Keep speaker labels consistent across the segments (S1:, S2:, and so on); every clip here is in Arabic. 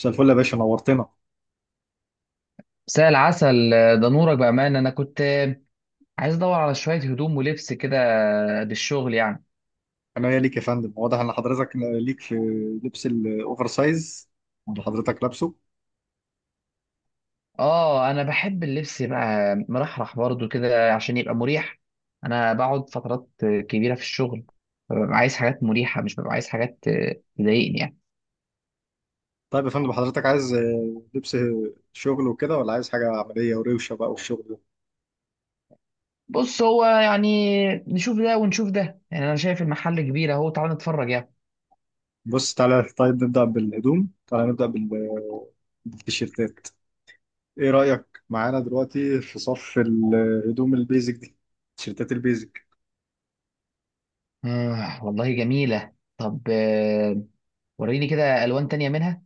S1: مساء الفل يا باشا، نورتنا.
S2: مساء العسل. ده نورك بأمانة. أنا كنت عايز أدور على شوية هدوم ولبس كده للشغل يعني.
S1: انا ويا ليك يا فندم، واضح ان حضرتك ليك في لبس الاوفر سايز اللي حضرتك لابسه.
S2: آه، أنا بحب اللبس بقى مرحرح برضو كده عشان يبقى مريح. أنا بقعد فترات كبيرة في الشغل، فببقى عايز حاجات مريحة، مش ببقى عايز حاجات تضايقني يعني.
S1: طيب يا فندم، حضرتك عايز لبس شغل وكده ولا عايز حاجه عمليه وروشه بقى والشغل ده؟
S2: بص، هو يعني نشوف ده ونشوف ده، يعني أنا شايف المحل كبير أهو، تعال نتفرج يعني.
S1: بص تعالى، طيب نبدا بالهدوم، تعالى نبدا بالتيشيرتات. ايه رايك معانا دلوقتي في صف الهدوم البيزك دي؟ تيشيرتات البيزك.
S2: آه والله جميلة. طب وريني كده ألوان تانية منها.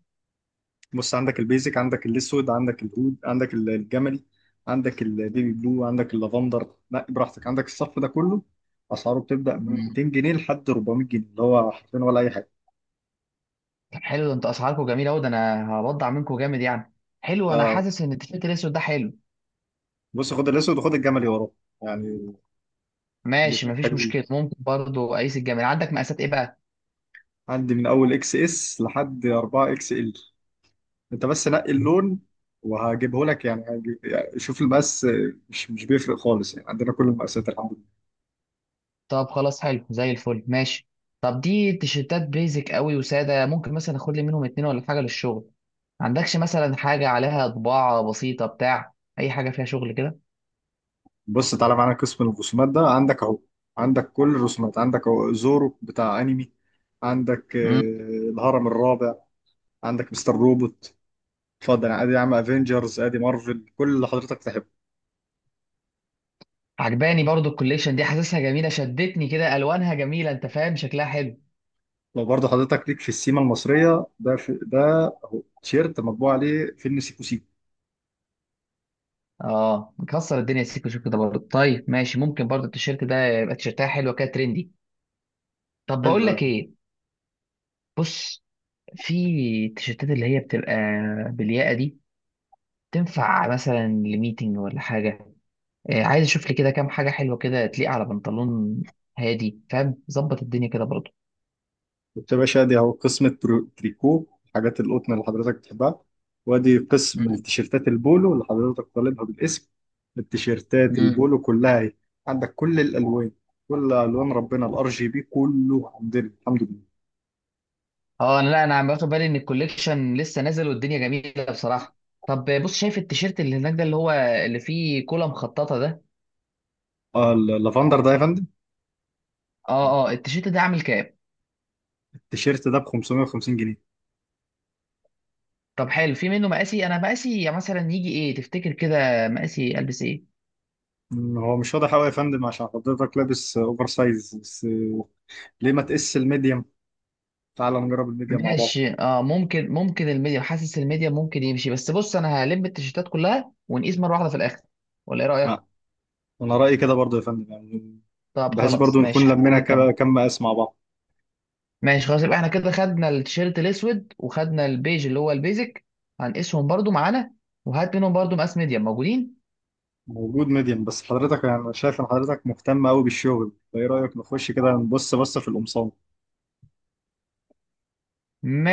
S1: بص، عندك البيزك، عندك الاسود، عندك العود، عندك الجملي، عندك البيبي بلو، عندك اللافندر، لا براحتك، عندك الصف ده كله. اسعاره بتبدا من 200 جنيه لحد 400 جنيه، اللي هو حرفيا ولا اي حاجه.
S2: طب حلو ده، انت اسعاركم جميله قوي، ده انا هبضع منكم جامد يعني. حلو، انا
S1: آه.
S2: حاسس ان التيشيرت الاسود ده حلو.
S1: بص خد الاسود وخد الجملي وراه يعني.
S2: ماشي،
S1: الاثنين
S2: مفيش
S1: حلوين.
S2: مشكله. ممكن برضو اقيس الجمال. عندك مقاسات ايه بقى؟
S1: عندي من اول اكس اس لحد 4 اكس ال. انت بس نقي اللون وهجيبه لك يعني، يعني شوف المقاس، مش بيفرق خالص، يعني عندنا كل المقاسات الحمد.
S2: طب خلاص، حلو زي الفل، ماشي. طب دي تيشيرتات بيزك قوي وساده، ممكن مثلا اخد لي منهم اتنين ولا حاجه للشغل. ما عندكش مثلا حاجه عليها طباعه بسيطه، بتاع اي حاجه فيها شغل كده؟
S1: بص تعالى معانا قسم الرسومات ده عندك اهو. عندك كل الرسومات، عندك اهو زورو بتاع انمي. عندك
S2: امم
S1: الهرم الرابع. عندك مستر روبوت. اتفضل، ادي يا عم افنجرز، ادي مارفل، كل اللي حضرتك تحبه.
S2: عجباني برضو الكوليكشن دي، حاسسها جميله، شدتني كده الوانها جميله، انت فاهم، شكلها حلو.
S1: لو برضه حضرتك ليك في السيما المصريه، ده في ده اهو تيشيرت مطبوع عليه فيلم سيكو سيكو.
S2: اه مكسر الدنيا سيكو، شوف كده برضه. طيب ماشي، ممكن برضه التيشيرت ده يبقى، تيشيرتها حلوه كده ترندي. طب بقول
S1: حلو.
S2: لك ايه، بص، في التيشيرتات اللي هي بتبقى بالياقه دي، تنفع مثلا لميتنج ولا حاجه؟ آه، عايز اشوف لي كده كام حاجه حلوه كده تليق على بنطلون هادي، فاهم؟ ظبط الدنيا كده برضه.
S1: بص يا باشا، دي اهو قسم التريكو، حاجات القطن اللي حضرتك بتحبها. وادي
S2: مم.
S1: قسم التيشيرتات البولو اللي حضرتك طالبها بالاسم. التيشيرتات
S2: مم.
S1: البولو كلها اهي. عندك كل الالوان، كل الوان ربنا، الار جي بي كله عندنا الحمد لله.
S2: اه انا، لا انا عم باخد بالي ان الكوليكشن لسه نازل والدنيا جميله بصراحه. طب بص، شايف التيشيرت اللي هناك ده، اللي هو اللي فيه كولا مخططه ده؟
S1: اللافندر ده يا فندم.
S2: اه اه، التيشيرت ده عامل كام؟
S1: التيشيرت ده ب 550 جنيه.
S2: طب حلو، في منه مقاسي؟ انا مقاسي مثلا يجي ايه تفتكر كده؟ مقاسي البس ايه؟
S1: هو مش واضح قوي يا فندم عشان حضرتك لابس اوفر سايز بس. ليه ما تقيس الميديم؟ تعال نجرب الميديم مع بعض.
S2: ماشي، اه ممكن، الميديا، حاسس الميديا ممكن يمشي. بس بص، انا هلم التيشيرتات كلها ونقيس مره واحده في الاخر، ولا ايه رايك؟
S1: آه، انا رايي كده برضو يا فندم يعني.
S2: طب
S1: بحيث
S2: خلاص
S1: برضو
S2: ماشي،
S1: نكون لمينا
S2: خلينا نكمل.
S1: كم كم مقاس مع بعض.
S2: ماشي خلاص، يبقى احنا كده خدنا التيشيرت الاسود وخدنا البيج اللي هو البيزك. هنقيسهم برضو معانا، وهات منهم برضو مقاس ميديا موجودين.
S1: موجود ميديم. بس حضرتك يعني انا شايف ان حضرتك مهتم قوي بالشغل، فايه رايك نخش كده نبص بصه في القمصان؟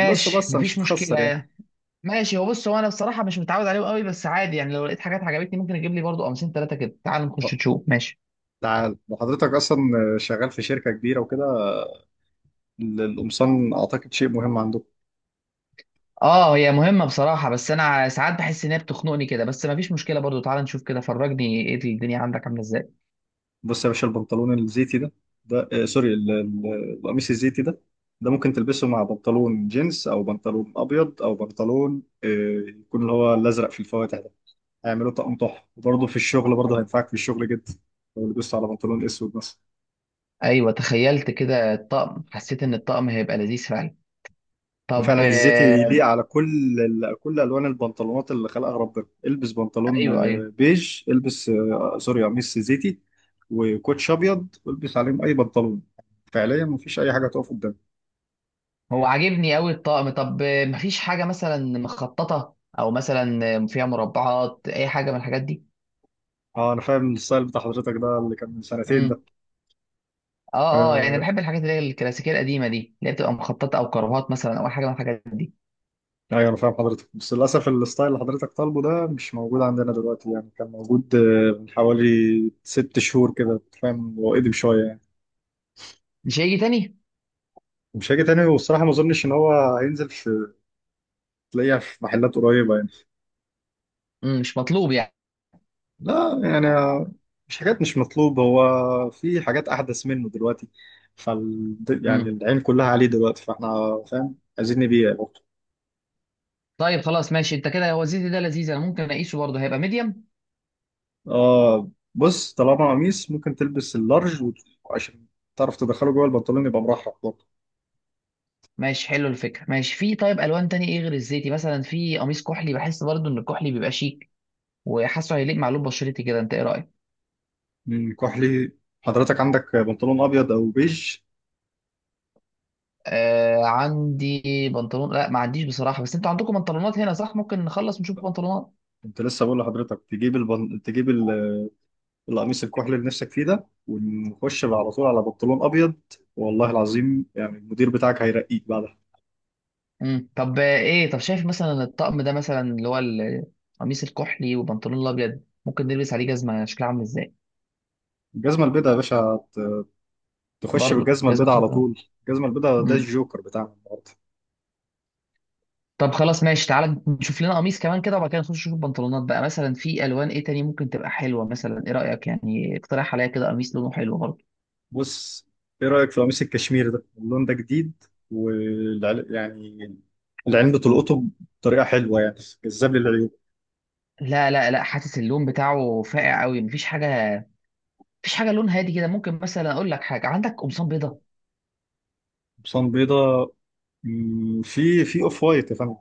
S1: بص بصه مش
S2: مفيش
S1: هتخسر يعني.
S2: مشكله. ماشي، هو بص انا بصراحه مش متعود عليهم قوي، بس عادي يعني. لو لقيت حاجات عجبتني ممكن اجيب لي برضو قميصين ثلاثه كده. تعال نخش
S1: طب
S2: نشوف، ماشي.
S1: تعال، لو حضرتك اصلا شغال في شركه كبيره وكده، القمصان اعتقد شيء مهم عندكم.
S2: اه هي مهمة بصراحة، بس انا ساعات بحس ان هي بتخنقني كده، بس ما فيش مشكلة برضو. تعال نشوف كده، فرجني ايه الدنيا عندك عاملة ازاي.
S1: بص يا باشا البنطلون الزيتي ده، سوري، القميص الزيتي ده، ده ممكن تلبسه مع بنطلون جينز او بنطلون ابيض او بنطلون يكون اللي هو الازرق في الفواتح ده. هيعملوا طقم تحفه، وبرضه في الشغل برضه هينفعك في الشغل جدا لو لبست على بنطلون اسود مثلا.
S2: ايوه، تخيلت كده الطقم، حسيت ان الطقم هيبقى لذيذ فعلا. طب
S1: فعلا الزيت يليق على كل الوان البنطلونات اللي خلقها ربنا. البس بنطلون
S2: ايوه ايوه،
S1: بيج، البس سوري قميص زيتي وكوتش ابيض والبس عليهم اي بنطلون. فعليا مفيش اي حاجه تقف قدامي.
S2: هو عاجبني قوي الطقم. طب مفيش حاجة مثلا مخططة او مثلا فيها مربعات، اي حاجة من الحاجات دي؟
S1: اه، انا فاهم الستايل بتاع حضرتك ده، اللي كان من سنتين ده.
S2: امم، اه اه، يعني
S1: آه،
S2: بحب الحاجات اللي هي الكلاسيكية القديمة دي، اللي هي بتبقى مخططة او كربات مثلا، او اي حاجة من الحاجات دي.
S1: ايوه، انا فاهم حضرتك، بس للاسف الستايل اللي حضرتك طالبه ده مش موجود عندنا دلوقتي. يعني كان موجود من حوالي ست شهور كده، أنت فاهم، هو قديم شويه يعني.
S2: مش هيجي تاني؟
S1: مش هيجي تاني، والصراحه ما اظنش ان هو هينزل، في تلاقيها في محلات قريبه يعني.
S2: امم، مش مطلوب يعني؟
S1: لا يعني، مش حاجات مش مطلوبة، هو في حاجات أحدث منه دلوقتي، فال يعني
S2: مم.
S1: العين كلها عليه دلوقتي، فاحنا فاهم عايزين نبيع برضه.
S2: طيب خلاص ماشي، انت كده هو الزيتي ده لذيذ، انا ممكن اقيسه برضه، هيبقى ميديم.
S1: اه، بص، طالما قميص ممكن تلبس اللارج، عشان تعرف تدخله جوه البنطلون، يبقى مرحب برضه.
S2: ماشي حلو الفكره، ماشي. في طيب الوان تاني ايه غير الزيتي؟ مثلا في قميص كحلي، بحس برضه ان الكحلي بيبقى شيك، وحاسه هيليق مع لون بشرتي كده، انت ايه رايك؟
S1: كحلي، حضرتك عندك بنطلون أبيض أو بيج؟
S2: آه عندي بنطلون، لا ما عنديش بصراحه، بس انتوا عندكم بنطلونات هنا صح؟ ممكن نخلص نشوف بنطلونات.
S1: كنت لسه بقول لحضرتك تجيب القميص الكحلي اللي نفسك فيه ده، ونخش على طول على بنطلون أبيض. والله العظيم يعني المدير بتاعك هيرقيك بعد.
S2: امم، طب ايه، طب شايف مثلا الطقم ده، مثلا اللي هو القميص الكحلي وبنطلون الابيض، ممكن نلبس عليه جزمه شكلها عامل ازاي؟
S1: الجزمة البيضاء يا باشا، تخش
S2: برضه
S1: بالجزمة
S2: جزمه
S1: البيضاء على
S2: بيضاء.
S1: طول. الجزمة البيضاء ده الجوكر بتاعنا النهاردة.
S2: طب خلاص ماشي، تعالى نشوف لنا قميص كمان كده، وبعد كده نخش نشوف بنطلونات بقى. مثلا في الوان ايه تاني ممكن تبقى حلوه؟ مثلا ايه رايك يعني؟ اقترح عليا كده قميص لونه حلو برضه.
S1: بص، ايه رأيك في قميص الكشمير ده؟ اللون ده جديد، يعني العين بتلقطه بطريقة حلوة، يعني جذاب للعيون.
S2: لا لا لا، حاسس اللون بتاعه فاقع قوي، مفيش حاجه. مفيش حاجه لون هادي كده ممكن؟ مثلا اقول لك حاجه، عندك قمصان بيضه؟
S1: قمصان بيضاء. في اوف وايت يا فندم.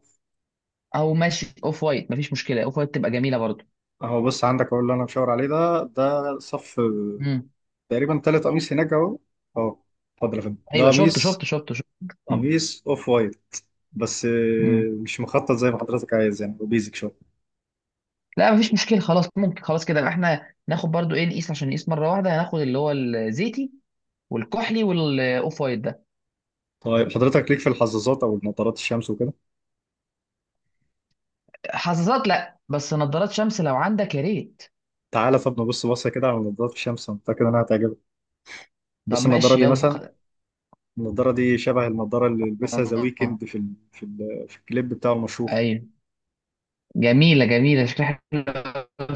S2: او ماشي اوف وايت مفيش مشكله، اوف وايت تبقى جميله برضه.
S1: اهو بص، عندك اهو اللي انا مشاور عليه ده، ده صف
S2: امم،
S1: تقريبا تالت قميص هناك اهو اهو. اتفضل يا فندم، ده
S2: ايوه شفت
S1: قميص،
S2: شفت شفت شفت. مم.
S1: قميص اوف وايت، بس
S2: مم.
S1: مش مخطط زي ما حضرتك عايز، يعني بيزك شوية.
S2: لا مفيش مشكله، خلاص ممكن. خلاص كده، يبقى احنا ناخد برضه ايه، نقيس عشان نقيس مره واحده، هناخد اللي هو الزيتي والكحلي والاوف وايت ده.
S1: طيب حضرتك ليك في الحظاظات او نظارات الشمس وكده.
S2: حساسات، لا، بس نظارات شمس لو عندك يا ريت.
S1: تعالى طب نبص بصه كده على نظارات الشمس، انا متاكد انها هتعجبك.
S2: طب
S1: بص النضاره
S2: ماشي
S1: دي
S2: يلا
S1: مثلا. النضاره دي شبه النضاره اللي لبسها ذا
S2: آه،
S1: ويكند في الكليب بتاع المشهور.
S2: ايوه. جميلة جميلة، شكلها حلو.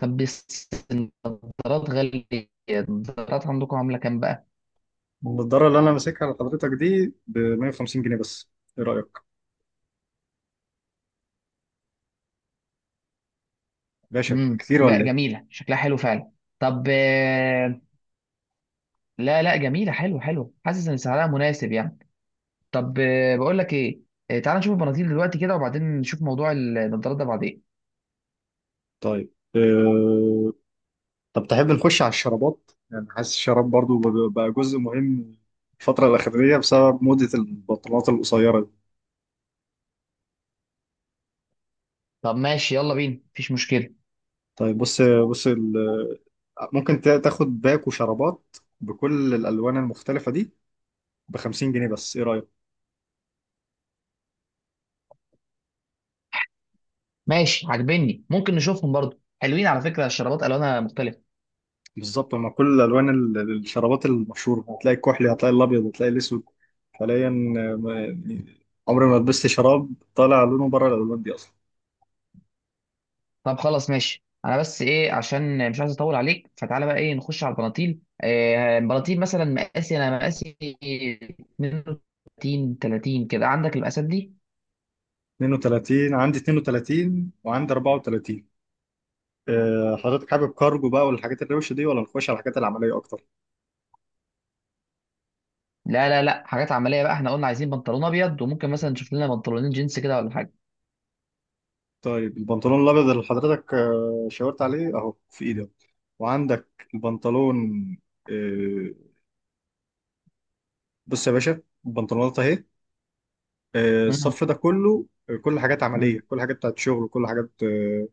S2: طب بس النظارات غالية، النظارات عندكم عاملة كام بقى؟
S1: النضاره اللي انا ماسكها لحضرتك دي ب 150 جنيه بس. ايه رايك؟ باشا،
S2: امم،
S1: كتير
S2: لا
S1: ولا ايه؟
S2: جميلة، شكلها حلو فعلا. طب لا لا، جميلة، حلو حلو، حاسس ان سعرها مناسب يعني. طب بقول لك ايه، تعال نشوف البناطيل دلوقتي كده، وبعدين نشوف موضوع النظارات ده بعدين.
S1: طيب أه... طب تحب نخش على الشرابات؟ يعني حاسس الشراب برضو بقى جزء مهم الفتره الاخيره بسبب موضه البنطلونات القصيره.
S2: طب ماشي يلا بينا، مفيش مشكلة.
S1: طيب بص بص، ممكن تاخد باك وشرابات بكل الالوان المختلفه دي ب 50 جنيه بس. ايه رايك؟
S2: ماشي عاجبني، ممكن نشوفهم برضو. حلوين على فكرة الشرابات، ألوانها مختلفة.
S1: بالظبط هما كل الالوان، الشرابات المشهوره، هتلاقي الكحلي، هتلاقي الابيض، هتلاقي الاسود حاليا. يعني عمري ما لبست شراب طالع لونه بره الالوان دي اصلا.
S2: طب خلاص ماشي، أنا بس إيه، عشان مش عايز أطول عليك، فتعالى بقى إيه، نخش على البناطيل. إيه البناطيل؟ مثلا مقاسي، أنا مقاسي 32 30 كده، عندك المقاسات دي؟
S1: 32، عندي 32 وعندي 34. حضرتك حابب كارجو بقى والحاجات الروشه دي ولا نخش على الحاجات العمليه اكتر؟
S2: لا لا لا، حاجات عملية بقى، إحنا قلنا عايزين بنطلون أبيض، وممكن مثلا نشوف لنا بنطلونين جينز كده ولا حاجة.
S1: طيب البنطلون الابيض اللي حضرتك شاورت عليه اهو في ايدي أهو. وعندك البنطلون، آه، بص يا باشا البنطلونات اهي.
S2: مم.
S1: الصف ده كله، كل حاجات عمليه،
S2: مم.
S1: كل حاجات بتاعت شغل، كل حاجات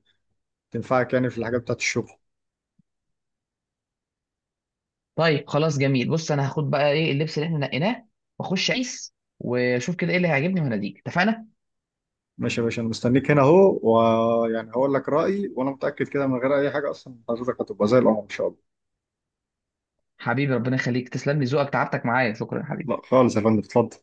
S1: تنفعك يعني في الحاجات بتاعت الشغل.
S2: طيب خلاص جميل، بص أنا هاخد بقى إيه اللبس اللي إحنا نقيناه، وأخش أقيس وأشوف كده إيه اللي هيعجبني وهناديك، اتفقنا.
S1: ماشي يا باشا، انا مستنيك هنا اهو. ويعني هقول لك رايي، وانا متاكد كده من غير اي حاجه، اصلا حضرتك هتبقى زي القمر ان شاء الله.
S2: حبيبي ربنا يخليك، تسلم لي ذوقك، تعبتك معايا، شكرا يا حبيبي.
S1: لا خالص يا فندم، اتفضل.